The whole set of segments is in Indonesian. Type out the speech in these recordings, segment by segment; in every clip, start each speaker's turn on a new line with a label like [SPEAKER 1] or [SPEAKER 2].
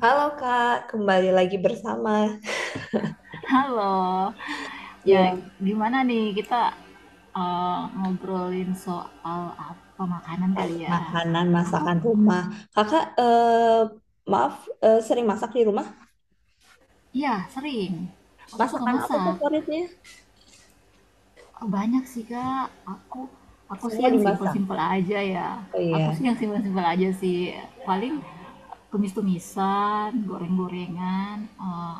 [SPEAKER 1] Halo Kak, kembali lagi bersama
[SPEAKER 2] Halo. Ya,
[SPEAKER 1] yang
[SPEAKER 2] gimana nih kita, eee, ngobrolin soal apa, makanan kali ya?
[SPEAKER 1] makanan
[SPEAKER 2] Aku
[SPEAKER 1] masakan rumah. Kakak, maaf, sering masak di rumah?
[SPEAKER 2] ya sering, aku suka
[SPEAKER 1] Masakan apa
[SPEAKER 2] masak.
[SPEAKER 1] favoritnya?
[SPEAKER 2] Oh, banyak sih, Kak. Aku aku sih
[SPEAKER 1] Semua
[SPEAKER 2] yang
[SPEAKER 1] dimasak.
[SPEAKER 2] simpel-simpel aja ya,
[SPEAKER 1] Oh
[SPEAKER 2] aku sih
[SPEAKER 1] iya.
[SPEAKER 2] yang simpel-simpel aja sih, paling tumis-tumisan, goreng-gorengan, eee,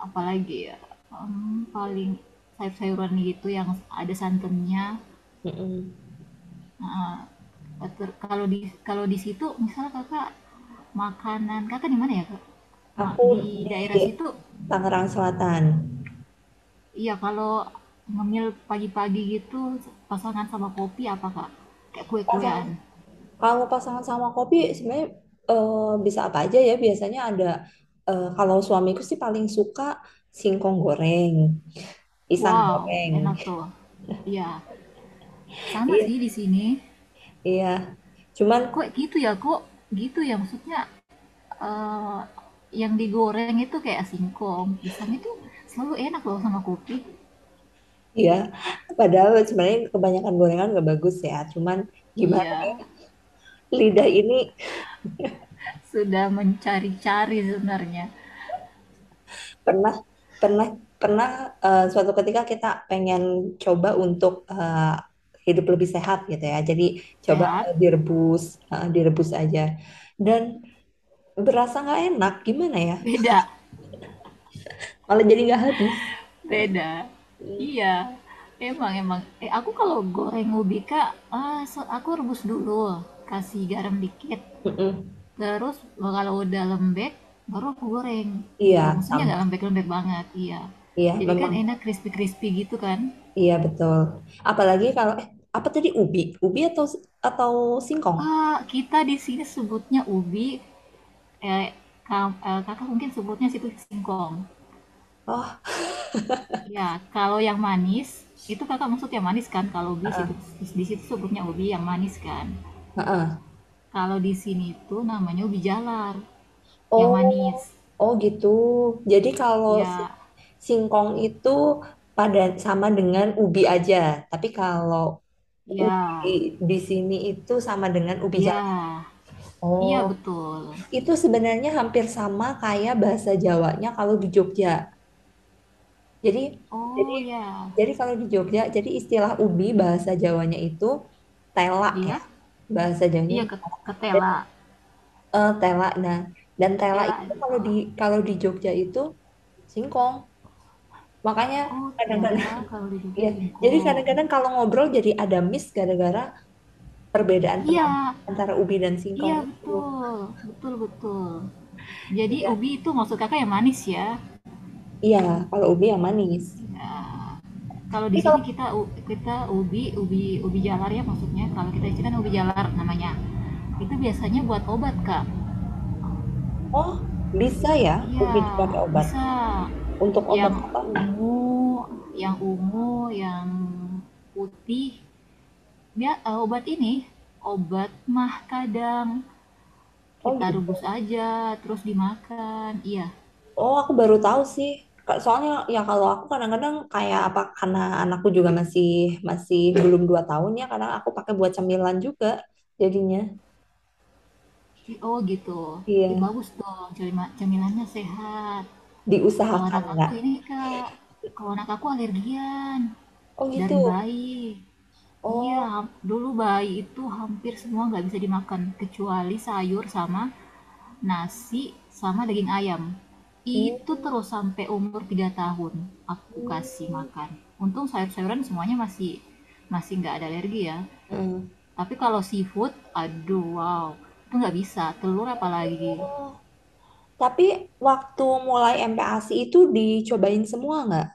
[SPEAKER 2] apalagi ya, paling sayur-sayuran gitu yang ada santannya.
[SPEAKER 1] Mm-mm.
[SPEAKER 2] Kalau di kalau di situ misalnya kakak makanan kakak di mana ya kak?
[SPEAKER 1] Aku
[SPEAKER 2] Di
[SPEAKER 1] di
[SPEAKER 2] daerah situ,
[SPEAKER 1] Tangerang Selatan.
[SPEAKER 2] iya kalau ngemil pagi-pagi gitu pasangan sama kopi apa kak? Kayak kue-kuean.
[SPEAKER 1] Pasang, Kalau pasangan sama kopi sebenarnya bisa apa aja ya. Biasanya ada, kalau suamiku sih paling suka singkong goreng, pisang
[SPEAKER 2] Wow,
[SPEAKER 1] goreng.
[SPEAKER 2] enak tuh. Iya, sama
[SPEAKER 1] Iya,
[SPEAKER 2] sih di sini.
[SPEAKER 1] iya. Cuman
[SPEAKER 2] Kok? Gitu ya maksudnya eh, yang digoreng itu kayak singkong, pisang itu selalu enak loh sama kopi.
[SPEAKER 1] iya, padahal sebenarnya kebanyakan gorengan nggak bagus ya. Cuman gimana
[SPEAKER 2] Iya,
[SPEAKER 1] lidah ini
[SPEAKER 2] sudah mencari-cari sebenarnya.
[SPEAKER 1] pernah pernah pernah eh, suatu ketika kita pengen coba untuk hidup lebih sehat gitu ya. Jadi coba
[SPEAKER 2] Sehat,
[SPEAKER 1] direbus, direbus aja. Dan berasa nggak enak, gimana ya?
[SPEAKER 2] beda,
[SPEAKER 1] Malah jadi nggak habis.
[SPEAKER 2] beda.
[SPEAKER 1] Mm.
[SPEAKER 2] Iya, emang emang. Eh, aku kalau goreng ubika, aku rebus dulu, kasih garam dikit.
[SPEAKER 1] Mm-mm.
[SPEAKER 2] Terus kalau udah lembek, baru aku goreng gitu.
[SPEAKER 1] Iya,
[SPEAKER 2] Maksudnya
[SPEAKER 1] sama.
[SPEAKER 2] nggak lembek-lembek banget, iya.
[SPEAKER 1] Iya,
[SPEAKER 2] Jadi kan
[SPEAKER 1] memang.
[SPEAKER 2] enak crispy-crispy gitu kan.
[SPEAKER 1] Iya betul. Apalagi kalau apa tadi ubi, ubi atau si-, atau singkong?
[SPEAKER 2] Ah, kita di sini sebutnya ubi, eh, kakak mungkin sebutnya situ singkong.
[SPEAKER 1] Oh,
[SPEAKER 2] Ya, kalau yang manis, itu kakak maksud yang manis kan? Kalau ubi situ,
[SPEAKER 1] eh,
[SPEAKER 2] di situ sebutnya ubi yang manis kan?
[SPEAKER 1] heeh.
[SPEAKER 2] Kalau di sini tuh namanya ubi jalar, yang manis.
[SPEAKER 1] Oh, oh gitu. Jadi kalau
[SPEAKER 2] Ya,
[SPEAKER 1] singkong itu pada sama dengan ubi aja, tapi kalau ubi
[SPEAKER 2] ya,
[SPEAKER 1] di sini itu sama dengan ubi jalar.
[SPEAKER 2] ya,
[SPEAKER 1] Oh,
[SPEAKER 2] iya betul.
[SPEAKER 1] itu sebenarnya hampir sama kayak bahasa Jawanya kalau di Jogja. Jadi, jadi,
[SPEAKER 2] Oh ya,
[SPEAKER 1] jadi kalau di Jogja, jadi istilah ubi bahasa Jawanya itu tela ya,
[SPEAKER 2] iya,
[SPEAKER 1] bahasa Jawanya
[SPEAKER 2] iya
[SPEAKER 1] itu
[SPEAKER 2] ke, ketela,
[SPEAKER 1] tela. Nah, dan tela
[SPEAKER 2] tela
[SPEAKER 1] itu
[SPEAKER 2] tela aja.
[SPEAKER 1] kalau di Jogja itu singkong. Makanya
[SPEAKER 2] Oh
[SPEAKER 1] kadang-kadang
[SPEAKER 2] tela, kalau di Jogja
[SPEAKER 1] ya. Jadi
[SPEAKER 2] singkong.
[SPEAKER 1] kadang-kadang kalau ngobrol jadi ada miss gara-gara perbedaan
[SPEAKER 2] Iya,
[SPEAKER 1] penampilan antara ubi dan
[SPEAKER 2] iya
[SPEAKER 1] singkong itu.
[SPEAKER 2] betul, betul. Jadi
[SPEAKER 1] Iya.
[SPEAKER 2] ubi itu maksud kakak yang manis ya?
[SPEAKER 1] Iya, kalau ubi yang manis.
[SPEAKER 2] Ya. Kalau di
[SPEAKER 1] Tapi kalau
[SPEAKER 2] sini kita kita ubi ubi ubi jalar ya maksudnya. Kalau kita di kan ubi jalar namanya. Itu biasanya buat obat kak.
[SPEAKER 1] oh, bisa ya
[SPEAKER 2] Iya,
[SPEAKER 1] ubi dipakai obat.
[SPEAKER 2] bisa.
[SPEAKER 1] Untuk obat
[SPEAKER 2] Yang
[SPEAKER 1] apa?
[SPEAKER 2] ungu, yang ungu, yang putih. Dia obat ini, obat mah kadang
[SPEAKER 1] Oh
[SPEAKER 2] kita rebus
[SPEAKER 1] gitu.
[SPEAKER 2] aja, terus dimakan. Iya,
[SPEAKER 1] Oh, aku baru tahu sih. Soalnya ya kalau aku kadang-kadang kayak apa karena anakku juga masih masih belum 2 tahun ya, kadang aku pakai buat cemilan juga jadinya.
[SPEAKER 2] oh gitu. Ih,
[SPEAKER 1] Iya,
[SPEAKER 2] bagus dong, cemilannya sehat. Kalau
[SPEAKER 1] diusahakan
[SPEAKER 2] anak aku
[SPEAKER 1] nggak?
[SPEAKER 2] ini, Kak, kalau anak aku alergian
[SPEAKER 1] Oh gitu.
[SPEAKER 2] dari bayi. Iya,
[SPEAKER 1] Oh,
[SPEAKER 2] dulu bayi itu hampir semua nggak bisa dimakan, kecuali sayur sama nasi sama daging ayam. Itu
[SPEAKER 1] hmm.
[SPEAKER 2] terus sampai umur 3 tahun aku kasih
[SPEAKER 1] Hmm.
[SPEAKER 2] makan. Untung sayur-sayuran semuanya masih masih nggak ada alergi ya.
[SPEAKER 1] Mm.
[SPEAKER 2] Tapi kalau seafood, aduh wow, itu nggak bisa. Telur apalagi.
[SPEAKER 1] Oh, tapi waktu mulai MPASI itu dicobain semua nggak?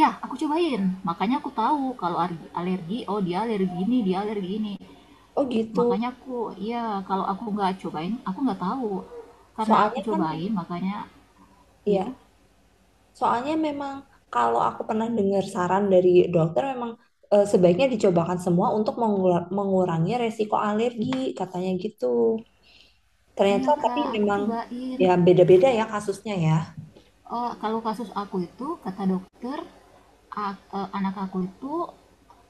[SPEAKER 2] Ya, aku cobain. Makanya aku tahu kalau alergi, oh dia alergi ini, dia alergi ini.
[SPEAKER 1] Oh gitu.
[SPEAKER 2] Makanya aku, ya kalau aku nggak cobain, aku nggak tahu. Karena aku
[SPEAKER 1] Soalnya kan
[SPEAKER 2] cobain,
[SPEAKER 1] memang,
[SPEAKER 2] makanya, ya,
[SPEAKER 1] ya. Soalnya memang kalau aku pernah dengar saran dari dokter memang sebaiknya dicobakan semua untuk mengurangi resiko alergi, katanya gitu. Ternyata
[SPEAKER 2] iya
[SPEAKER 1] tapi
[SPEAKER 2] kak, aku
[SPEAKER 1] memang
[SPEAKER 2] cobain.
[SPEAKER 1] ya beda-beda ya kasusnya ya.
[SPEAKER 2] Eh, kalau kasus aku itu kata dokter anak aku itu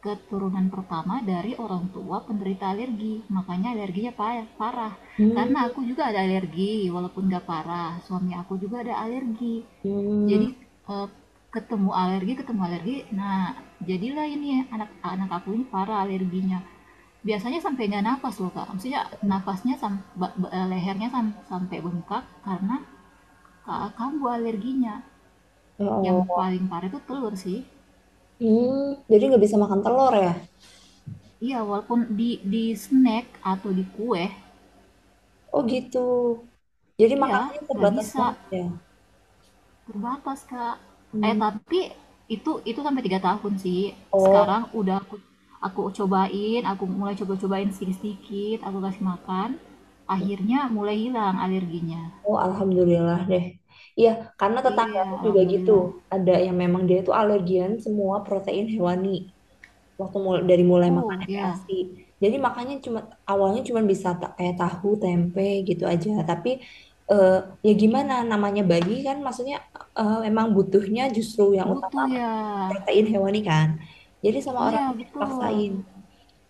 [SPEAKER 2] keturunan pertama dari orang tua penderita alergi, makanya alerginya parah,
[SPEAKER 1] Hmm,
[SPEAKER 2] karena aku juga ada alergi walaupun gak parah, suami aku juga ada alergi,
[SPEAKER 1] hmm,
[SPEAKER 2] jadi eh, ketemu alergi nah jadilah ini anak anak aku ini parah alerginya, biasanya sampai nggak nafas loh kak, maksudnya nafasnya sam- lehernya sampai bengkak karena kambuh alerginya.
[SPEAKER 1] ya
[SPEAKER 2] Yang
[SPEAKER 1] Allah.
[SPEAKER 2] paling parah itu telur sih.
[SPEAKER 1] Hmm, jadi nggak bisa makan telur ya?
[SPEAKER 2] Iya, walaupun di snack atau di kue,
[SPEAKER 1] Oh gitu. Jadi
[SPEAKER 2] iya
[SPEAKER 1] makanannya
[SPEAKER 2] nggak
[SPEAKER 1] terbatas
[SPEAKER 2] bisa,
[SPEAKER 1] banget ya.
[SPEAKER 2] terbatas kak. Eh
[SPEAKER 1] Hmm.
[SPEAKER 2] tapi itu sampai tiga tahun sih.
[SPEAKER 1] Oh,
[SPEAKER 2] Sekarang udah aku cobain, aku mulai coba-cobain sedikit-sedikit, aku kasih makan. Akhirnya mulai hilang alerginya.
[SPEAKER 1] oh alhamdulillah deh. Iya, karena
[SPEAKER 2] Iya,
[SPEAKER 1] tetanggaku juga gitu.
[SPEAKER 2] alhamdulillah.
[SPEAKER 1] Ada yang memang dia itu alergian semua protein hewani. Waktu dari mulai makan
[SPEAKER 2] Oh ya,
[SPEAKER 1] FPASI. Jadi makannya awalnya cuma bisa kayak tahu, tempe gitu aja. Tapi eh, ya gimana namanya bayi kan maksudnya emang butuhnya justru yang utama
[SPEAKER 2] butuh ya.
[SPEAKER 1] protein hewani kan. Jadi sama orang
[SPEAKER 2] Iya
[SPEAKER 1] tuanya
[SPEAKER 2] betul.
[SPEAKER 1] dipaksain.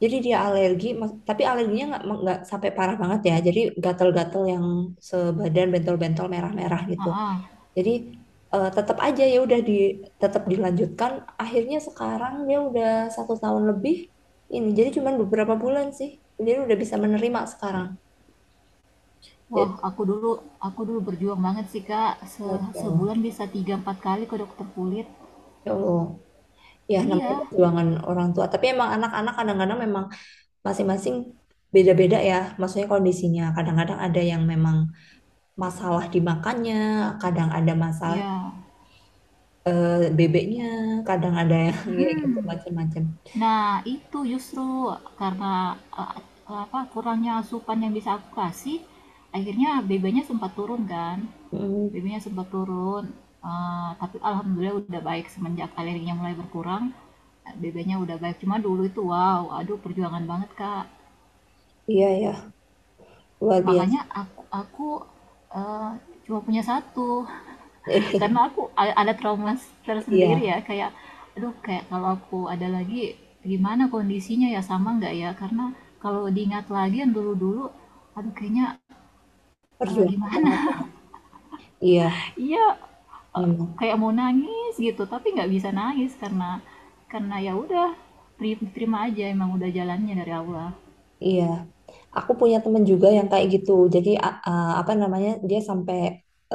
[SPEAKER 1] Jadi dia alergi, tapi alerginya nggak sampai parah banget ya. Jadi gatel-gatel yang sebadan bentol-bentol merah-merah gitu.
[SPEAKER 2] Ah, ah.
[SPEAKER 1] Jadi tetap aja ya udah tetap dilanjutkan. Akhirnya sekarang dia udah 1 tahun lebih ini. Jadi cuman beberapa bulan sih. Jadi udah bisa menerima sekarang.
[SPEAKER 2] Wah,
[SPEAKER 1] Jadi,
[SPEAKER 2] aku dulu berjuang banget sih, Kak.
[SPEAKER 1] Masya Allah.
[SPEAKER 2] Sebulan bisa tiga empat kali ke dokter kulit.
[SPEAKER 1] Ya Allah. Ya namanya
[SPEAKER 2] Iya,
[SPEAKER 1] perjuangan orang tua. Tapi emang anak-anak kadang-kadang memang masing-masing beda-beda ya, maksudnya kondisinya. Kadang-kadang ada yang memang masalah di makannya, kadang ada masalah
[SPEAKER 2] iya.
[SPEAKER 1] eh, bebeknya, kadang ada yang ya gitu
[SPEAKER 2] mm
[SPEAKER 1] macam-macam.
[SPEAKER 2] Nah, itu justru karena eh, apa kurangnya asupan yang bisa aku kasih, akhirnya BB-nya sempat turun kan.
[SPEAKER 1] Mm,
[SPEAKER 2] BB-nya sempat turun. Eh, tapi alhamdulillah udah baik semenjak alerginya mulai berkurang. BB-nya udah baik. Cuma dulu itu wow, aduh perjuangan banget, Kak.
[SPEAKER 1] iya ya, luar biasa.
[SPEAKER 2] Makanya aku eh, cuma punya satu karena aku ada trauma tersendiri
[SPEAKER 1] Iya,
[SPEAKER 2] ya, kayak aduh kayak kalau aku ada lagi gimana kondisinya ya sama nggak ya, karena kalau diingat lagi yang dulu-dulu aduh kayaknya
[SPEAKER 1] perjuangan
[SPEAKER 2] gimana
[SPEAKER 1] banget. Iya,
[SPEAKER 2] iya eh,
[SPEAKER 1] memang.
[SPEAKER 2] kayak mau nangis gitu tapi nggak bisa nangis karena ya udah terima aja emang udah jalannya dari Allah.
[SPEAKER 1] Iya, aku punya temen juga yang kayak gitu. Jadi apa namanya? Dia sampai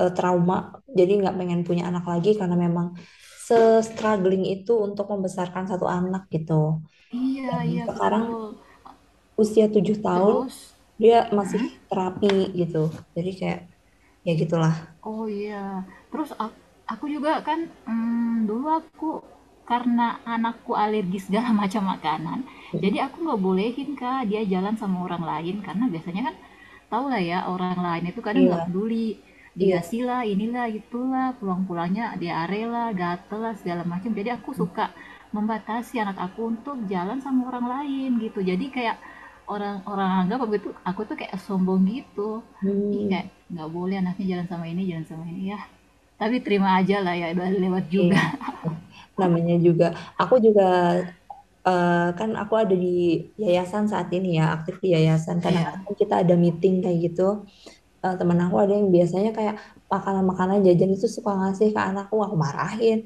[SPEAKER 1] trauma, jadi nggak pengen punya anak lagi karena memang se-struggling itu untuk membesarkan satu anak gitu.
[SPEAKER 2] Iya
[SPEAKER 1] Dan
[SPEAKER 2] iya
[SPEAKER 1] sekarang
[SPEAKER 2] betul,
[SPEAKER 1] usia 7 tahun
[SPEAKER 2] terus
[SPEAKER 1] dia masih
[SPEAKER 2] mm-mm.
[SPEAKER 1] terapi gitu jadi kayak ya gitulah.
[SPEAKER 2] Oh iya, terus aku juga kan, dulu aku karena anakku alergi segala macam makanan, jadi
[SPEAKER 1] Mm-mm.
[SPEAKER 2] aku nggak bolehin Kak dia jalan sama orang lain karena biasanya kan tau lah ya orang lain itu kadang nggak
[SPEAKER 1] Iya
[SPEAKER 2] peduli,
[SPEAKER 1] iya.
[SPEAKER 2] dikasih lah inilah itulah pulang-pulangnya diare lah gatel lah segala macam, jadi aku suka membatasi anak aku untuk jalan sama orang lain gitu, jadi kayak orang orang anggap aku itu aku tuh kayak sombong gitu, ih kayak
[SPEAKER 1] Hmm,
[SPEAKER 2] nggak boleh anaknya jalan sama ini ya, tapi terima aja lah ya udah lewat juga.
[SPEAKER 1] iya namanya juga aku juga kan aku ada di yayasan saat ini ya aktif di yayasan
[SPEAKER 2] Iya
[SPEAKER 1] kadang-kadang kita ada meeting kayak gitu. Eh, temen aku ada yang biasanya kayak makanan-makanan jajan itu suka ngasih ke anakku aku marahin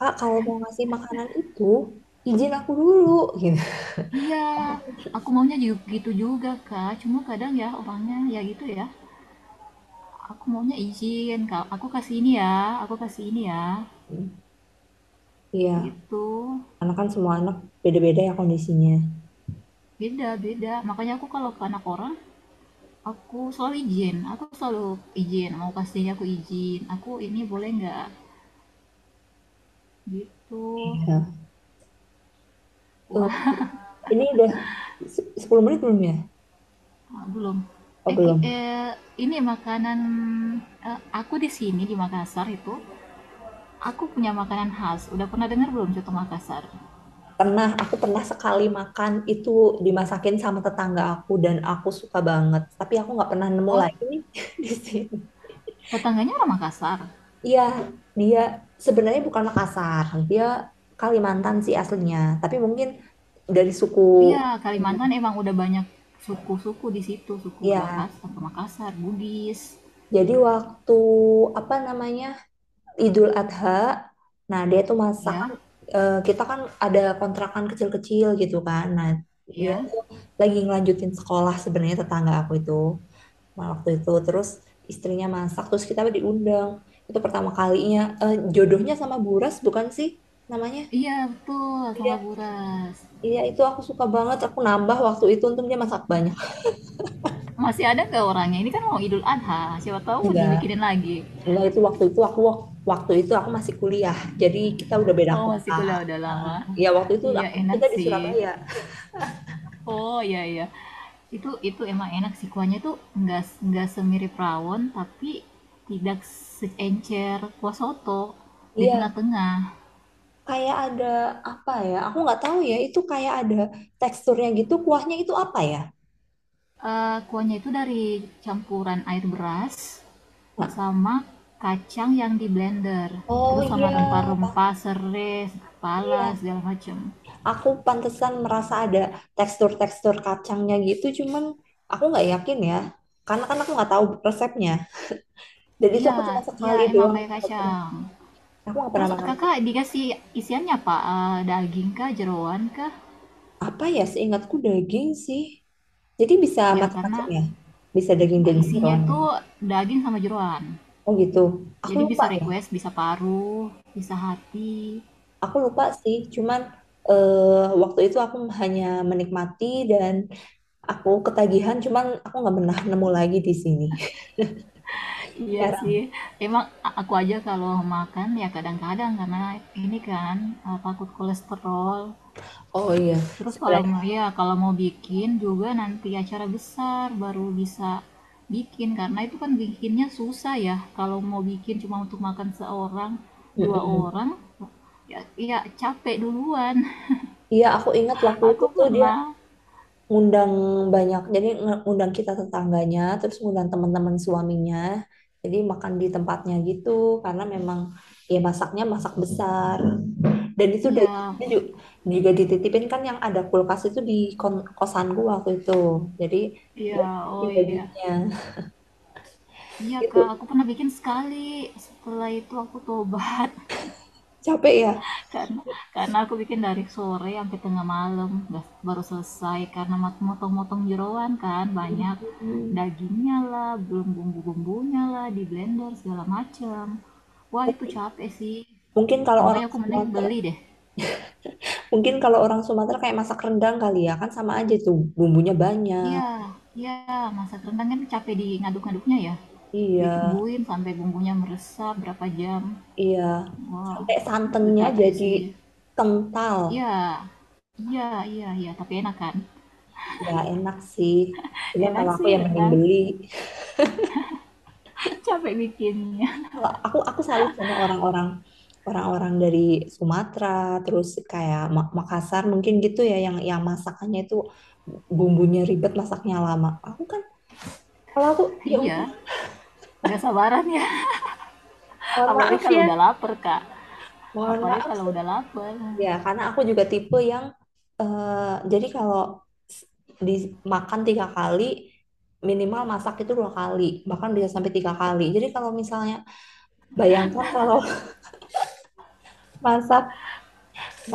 [SPEAKER 1] kak kalau mau ngasih makanan itu izin aku dulu gitu.
[SPEAKER 2] iya, aku maunya juga gitu juga kak, cuma kadang ya orangnya ya gitu ya, aku maunya izin kak aku kasih ini ya aku kasih ini ya
[SPEAKER 1] Iya
[SPEAKER 2] gitu.
[SPEAKER 1] karena kan semua anak beda-beda ya kondisinya.
[SPEAKER 2] Beda beda, makanya aku kalau ke anak orang aku selalu izin, aku selalu izin mau kasihnya, aku izin aku ini boleh nggak gitu.
[SPEAKER 1] Iya. Eh,
[SPEAKER 2] Wah,
[SPEAKER 1] ini udah 10 menit belum ya?
[SPEAKER 2] oh belum.
[SPEAKER 1] Oh
[SPEAKER 2] Eh, ki-
[SPEAKER 1] belum.
[SPEAKER 2] eh, ini makanan aku di sini di Makassar itu, aku punya makanan khas. Udah pernah dengar belum contoh Makassar?
[SPEAKER 1] Pernah, aku pernah sekali makan itu dimasakin sama tetangga aku dan aku suka banget. Tapi aku nggak pernah nemu
[SPEAKER 2] Oh,
[SPEAKER 1] lagi nih di sini.
[SPEAKER 2] tetangganya orang Makassar.
[SPEAKER 1] Iya, dia sebenarnya bukan Makassar, dia Kalimantan sih aslinya. Tapi mungkin dari suku,
[SPEAKER 2] Iya, Kalimantan emang udah banyak suku-suku di situ, suku
[SPEAKER 1] iya.
[SPEAKER 2] Bahas atau Makassar, Bugis,
[SPEAKER 1] Jadi waktu apa namanya? Idul Adha. Nah, dia tuh
[SPEAKER 2] ya,
[SPEAKER 1] masakan kita kan ada kontrakan kecil-kecil gitu kan. Nah, dia
[SPEAKER 2] ya.
[SPEAKER 1] tuh lagi ngelanjutin sekolah sebenarnya tetangga aku itu. Nah, waktu itu terus istrinya masak terus kita diundang. Itu pertama kalinya. Eh, jodohnya sama Buras bukan sih namanya?
[SPEAKER 2] Iya betul, sama
[SPEAKER 1] Iya,
[SPEAKER 2] Buras.
[SPEAKER 1] iya itu aku suka banget. Aku nambah waktu itu untung dia masak banyak.
[SPEAKER 2] Masih ada nggak orangnya? Ini kan mau Idul Adha, siapa tahu
[SPEAKER 1] Enggak,
[SPEAKER 2] dibikinin lagi.
[SPEAKER 1] enggak itu waktu itu aku masih kuliah. Jadi kita udah beda
[SPEAKER 2] Oh masih
[SPEAKER 1] kota.
[SPEAKER 2] kuliah udah
[SPEAKER 1] Heeh.
[SPEAKER 2] lama.
[SPEAKER 1] Ya waktu itu
[SPEAKER 2] Iya
[SPEAKER 1] aku
[SPEAKER 2] enak
[SPEAKER 1] kita di
[SPEAKER 2] sih.
[SPEAKER 1] Surabaya.
[SPEAKER 2] Oh, iya iya. Itu emang enak sih kuahnya tuh nggak nggak semirip rawon tapi tidak seencer kuah soto di
[SPEAKER 1] Iya,
[SPEAKER 2] tengah-tengah.
[SPEAKER 1] kayak ada apa ya? Aku nggak tahu ya. Itu kayak ada teksturnya gitu. Kuahnya itu apa ya?
[SPEAKER 2] Eh, kuahnya itu dari campuran air beras
[SPEAKER 1] Nah,
[SPEAKER 2] sama kacang yang di blender.
[SPEAKER 1] oh
[SPEAKER 2] Terus sama
[SPEAKER 1] iya, Pak.
[SPEAKER 2] rempah-rempah, serai, kepala,
[SPEAKER 1] Iya,
[SPEAKER 2] segala macem.
[SPEAKER 1] aku pantesan merasa ada tekstur-tekstur kacangnya gitu. Cuman aku nggak yakin ya, karena kan aku nggak tahu resepnya. Dan itu
[SPEAKER 2] Iya,
[SPEAKER 1] aku cuma
[SPEAKER 2] iya
[SPEAKER 1] sekali
[SPEAKER 2] emang
[SPEAKER 1] doang.
[SPEAKER 2] kayak
[SPEAKER 1] Aku nggak pernah.
[SPEAKER 2] kacang.
[SPEAKER 1] Aku nggak pernah
[SPEAKER 2] Terus
[SPEAKER 1] makan
[SPEAKER 2] kakak dikasih isiannya apa? Eh, daging kah, jeroan kah?
[SPEAKER 1] apa ya? Seingatku daging sih. Jadi bisa
[SPEAKER 2] Ya
[SPEAKER 1] macam-macam
[SPEAKER 2] karena
[SPEAKER 1] ya. Bisa daging
[SPEAKER 2] eh,
[SPEAKER 1] dan
[SPEAKER 2] isinya
[SPEAKER 1] jeroan
[SPEAKER 2] itu
[SPEAKER 1] gitu.
[SPEAKER 2] daging sama jeroan.
[SPEAKER 1] Oh gitu. Aku
[SPEAKER 2] Jadi
[SPEAKER 1] lupa
[SPEAKER 2] bisa
[SPEAKER 1] ya.
[SPEAKER 2] request, bisa paru, bisa hati.
[SPEAKER 1] Aku lupa sih, cuman waktu itu aku hanya menikmati dan aku ketagihan, cuman aku nggak pernah nemu lagi di sini.
[SPEAKER 2] Iya sih.
[SPEAKER 1] Jarang.
[SPEAKER 2] Emang aku aja kalau makan ya kadang-kadang karena ini kan takut kolesterol.
[SPEAKER 1] Oh iya,
[SPEAKER 2] Terus kalau mau
[SPEAKER 1] sebenarnya.
[SPEAKER 2] ya kalau mau bikin juga nanti acara besar baru bisa bikin karena itu kan bikinnya susah ya. Kalau mau bikin cuma untuk makan seorang, dua
[SPEAKER 1] Mm-mm.
[SPEAKER 2] orang ya, ya capek duluan.
[SPEAKER 1] Iya, aku ingat waktu itu
[SPEAKER 2] Aku
[SPEAKER 1] tuh dia
[SPEAKER 2] pernah
[SPEAKER 1] ngundang banyak, jadi ngundang kita tetangganya, terus ngundang teman-teman suaminya. Jadi makan di tempatnya gitu, karena memang ya masaknya masak besar. Dan itu
[SPEAKER 2] iya,
[SPEAKER 1] juga, dititipin kan yang ada kulkas itu di kosanku waktu itu. Jadi
[SPEAKER 2] iya,
[SPEAKER 1] dia titipin
[SPEAKER 2] oh iya.
[SPEAKER 1] dagingnya
[SPEAKER 2] Iya, Kak,
[SPEAKER 1] gitu.
[SPEAKER 2] aku pernah bikin sekali. Setelah itu aku tobat
[SPEAKER 1] Capek ya.
[SPEAKER 2] karena karena aku bikin dari sore sampai tengah malam, nggak- baru selesai karena motong-motong jeroan kan banyak
[SPEAKER 1] Hmm.
[SPEAKER 2] dagingnya lah, belum bumbu-bumbunya lah di blender segala macam. Wah, itu capek sih.
[SPEAKER 1] Mungkin kalau
[SPEAKER 2] Makanya
[SPEAKER 1] orang
[SPEAKER 2] aku mending
[SPEAKER 1] Sumatera,
[SPEAKER 2] beli deh.
[SPEAKER 1] mungkin kalau orang Sumatera kayak masak rendang kali ya kan sama aja tuh bumbunya
[SPEAKER 2] Iya,
[SPEAKER 1] banyak.
[SPEAKER 2] iya, masak rendang kan capek di ngaduk-ngaduknya ya.
[SPEAKER 1] Iya,
[SPEAKER 2] Ditungguin sampai bumbunya meresap berapa jam.
[SPEAKER 1] iya.
[SPEAKER 2] Wah,
[SPEAKER 1] Sampai
[SPEAKER 2] itu
[SPEAKER 1] santannya
[SPEAKER 2] capek
[SPEAKER 1] jadi
[SPEAKER 2] sih.
[SPEAKER 1] kental.
[SPEAKER 2] Iya. Iya iya iya, tapi enak kan?
[SPEAKER 1] Ya enak sih. Cuma
[SPEAKER 2] Enak
[SPEAKER 1] kalau aku
[SPEAKER 2] sih
[SPEAKER 1] ya mending
[SPEAKER 2] rendang,
[SPEAKER 1] beli.
[SPEAKER 2] capek bikinnya.
[SPEAKER 1] Kalau aku salut sama orang-orang dari Sumatera terus kayak Makassar mungkin gitu ya yang masakannya itu bumbunya ribet masaknya lama aku kan kalau aku ya udah
[SPEAKER 2] Iya, nggak sabaran ya.
[SPEAKER 1] mohon
[SPEAKER 2] Apalagi
[SPEAKER 1] maaf
[SPEAKER 2] kalau
[SPEAKER 1] ya
[SPEAKER 2] udah lapar, Kak.
[SPEAKER 1] mohon
[SPEAKER 2] Apalagi
[SPEAKER 1] maaf
[SPEAKER 2] kalau
[SPEAKER 1] sih.
[SPEAKER 2] udah lapar.
[SPEAKER 1] Ya karena aku juga tipe yang jadi kalau s- dimakan 3 kali minimal masak itu 2 kali bahkan bisa sampai 3 kali jadi kalau misalnya bayangkan kalau masak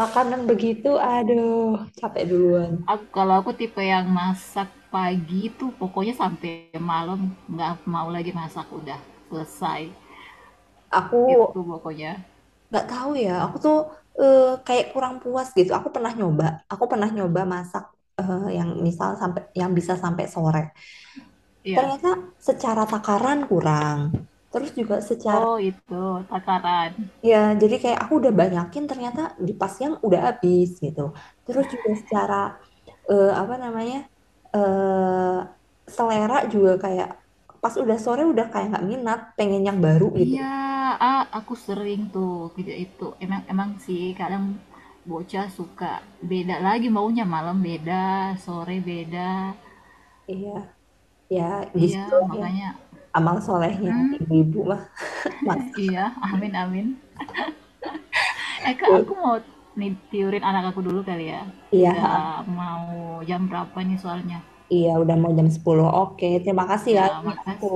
[SPEAKER 1] makanan begitu aduh capek duluan
[SPEAKER 2] Aku, kalau aku tipe yang masak pagi itu pokoknya sampai malam nggak mau lagi masak, udah selesai.
[SPEAKER 1] aku
[SPEAKER 2] Itu pokoknya.
[SPEAKER 1] nggak tahu ya aku tuh eh, kayak kurang puas gitu aku pernah nyoba masak yang misal sampai yang bisa sampai sore
[SPEAKER 2] Iya.
[SPEAKER 1] ternyata secara takaran kurang terus juga secara
[SPEAKER 2] Oh, itu takaran.
[SPEAKER 1] ya jadi kayak aku udah banyakin ternyata di pas yang udah habis gitu terus juga secara apa namanya eh selera juga kayak pas udah sore udah kayak nggak minat pengen yang baru gitu
[SPEAKER 2] Iya, ah, aku sering tuh video itu. Emang emang sih kadang bocah suka beda lagi maunya malam beda, sore beda.
[SPEAKER 1] iya ya di situ
[SPEAKER 2] Iya,
[SPEAKER 1] ya
[SPEAKER 2] makanya
[SPEAKER 1] amal solehnya
[SPEAKER 2] mm,
[SPEAKER 1] ibu-ibu mah mas.
[SPEAKER 2] iya, amin amin. Eh Kak, aku mau nih tiurin anak aku dulu kali ya.
[SPEAKER 1] Iya,
[SPEAKER 2] Udah mau jam berapa nih soalnya?
[SPEAKER 1] iya udah mau jam 10. Oke, terima kasih
[SPEAKER 2] Iya,
[SPEAKER 1] ya. Ini aku
[SPEAKER 2] makasih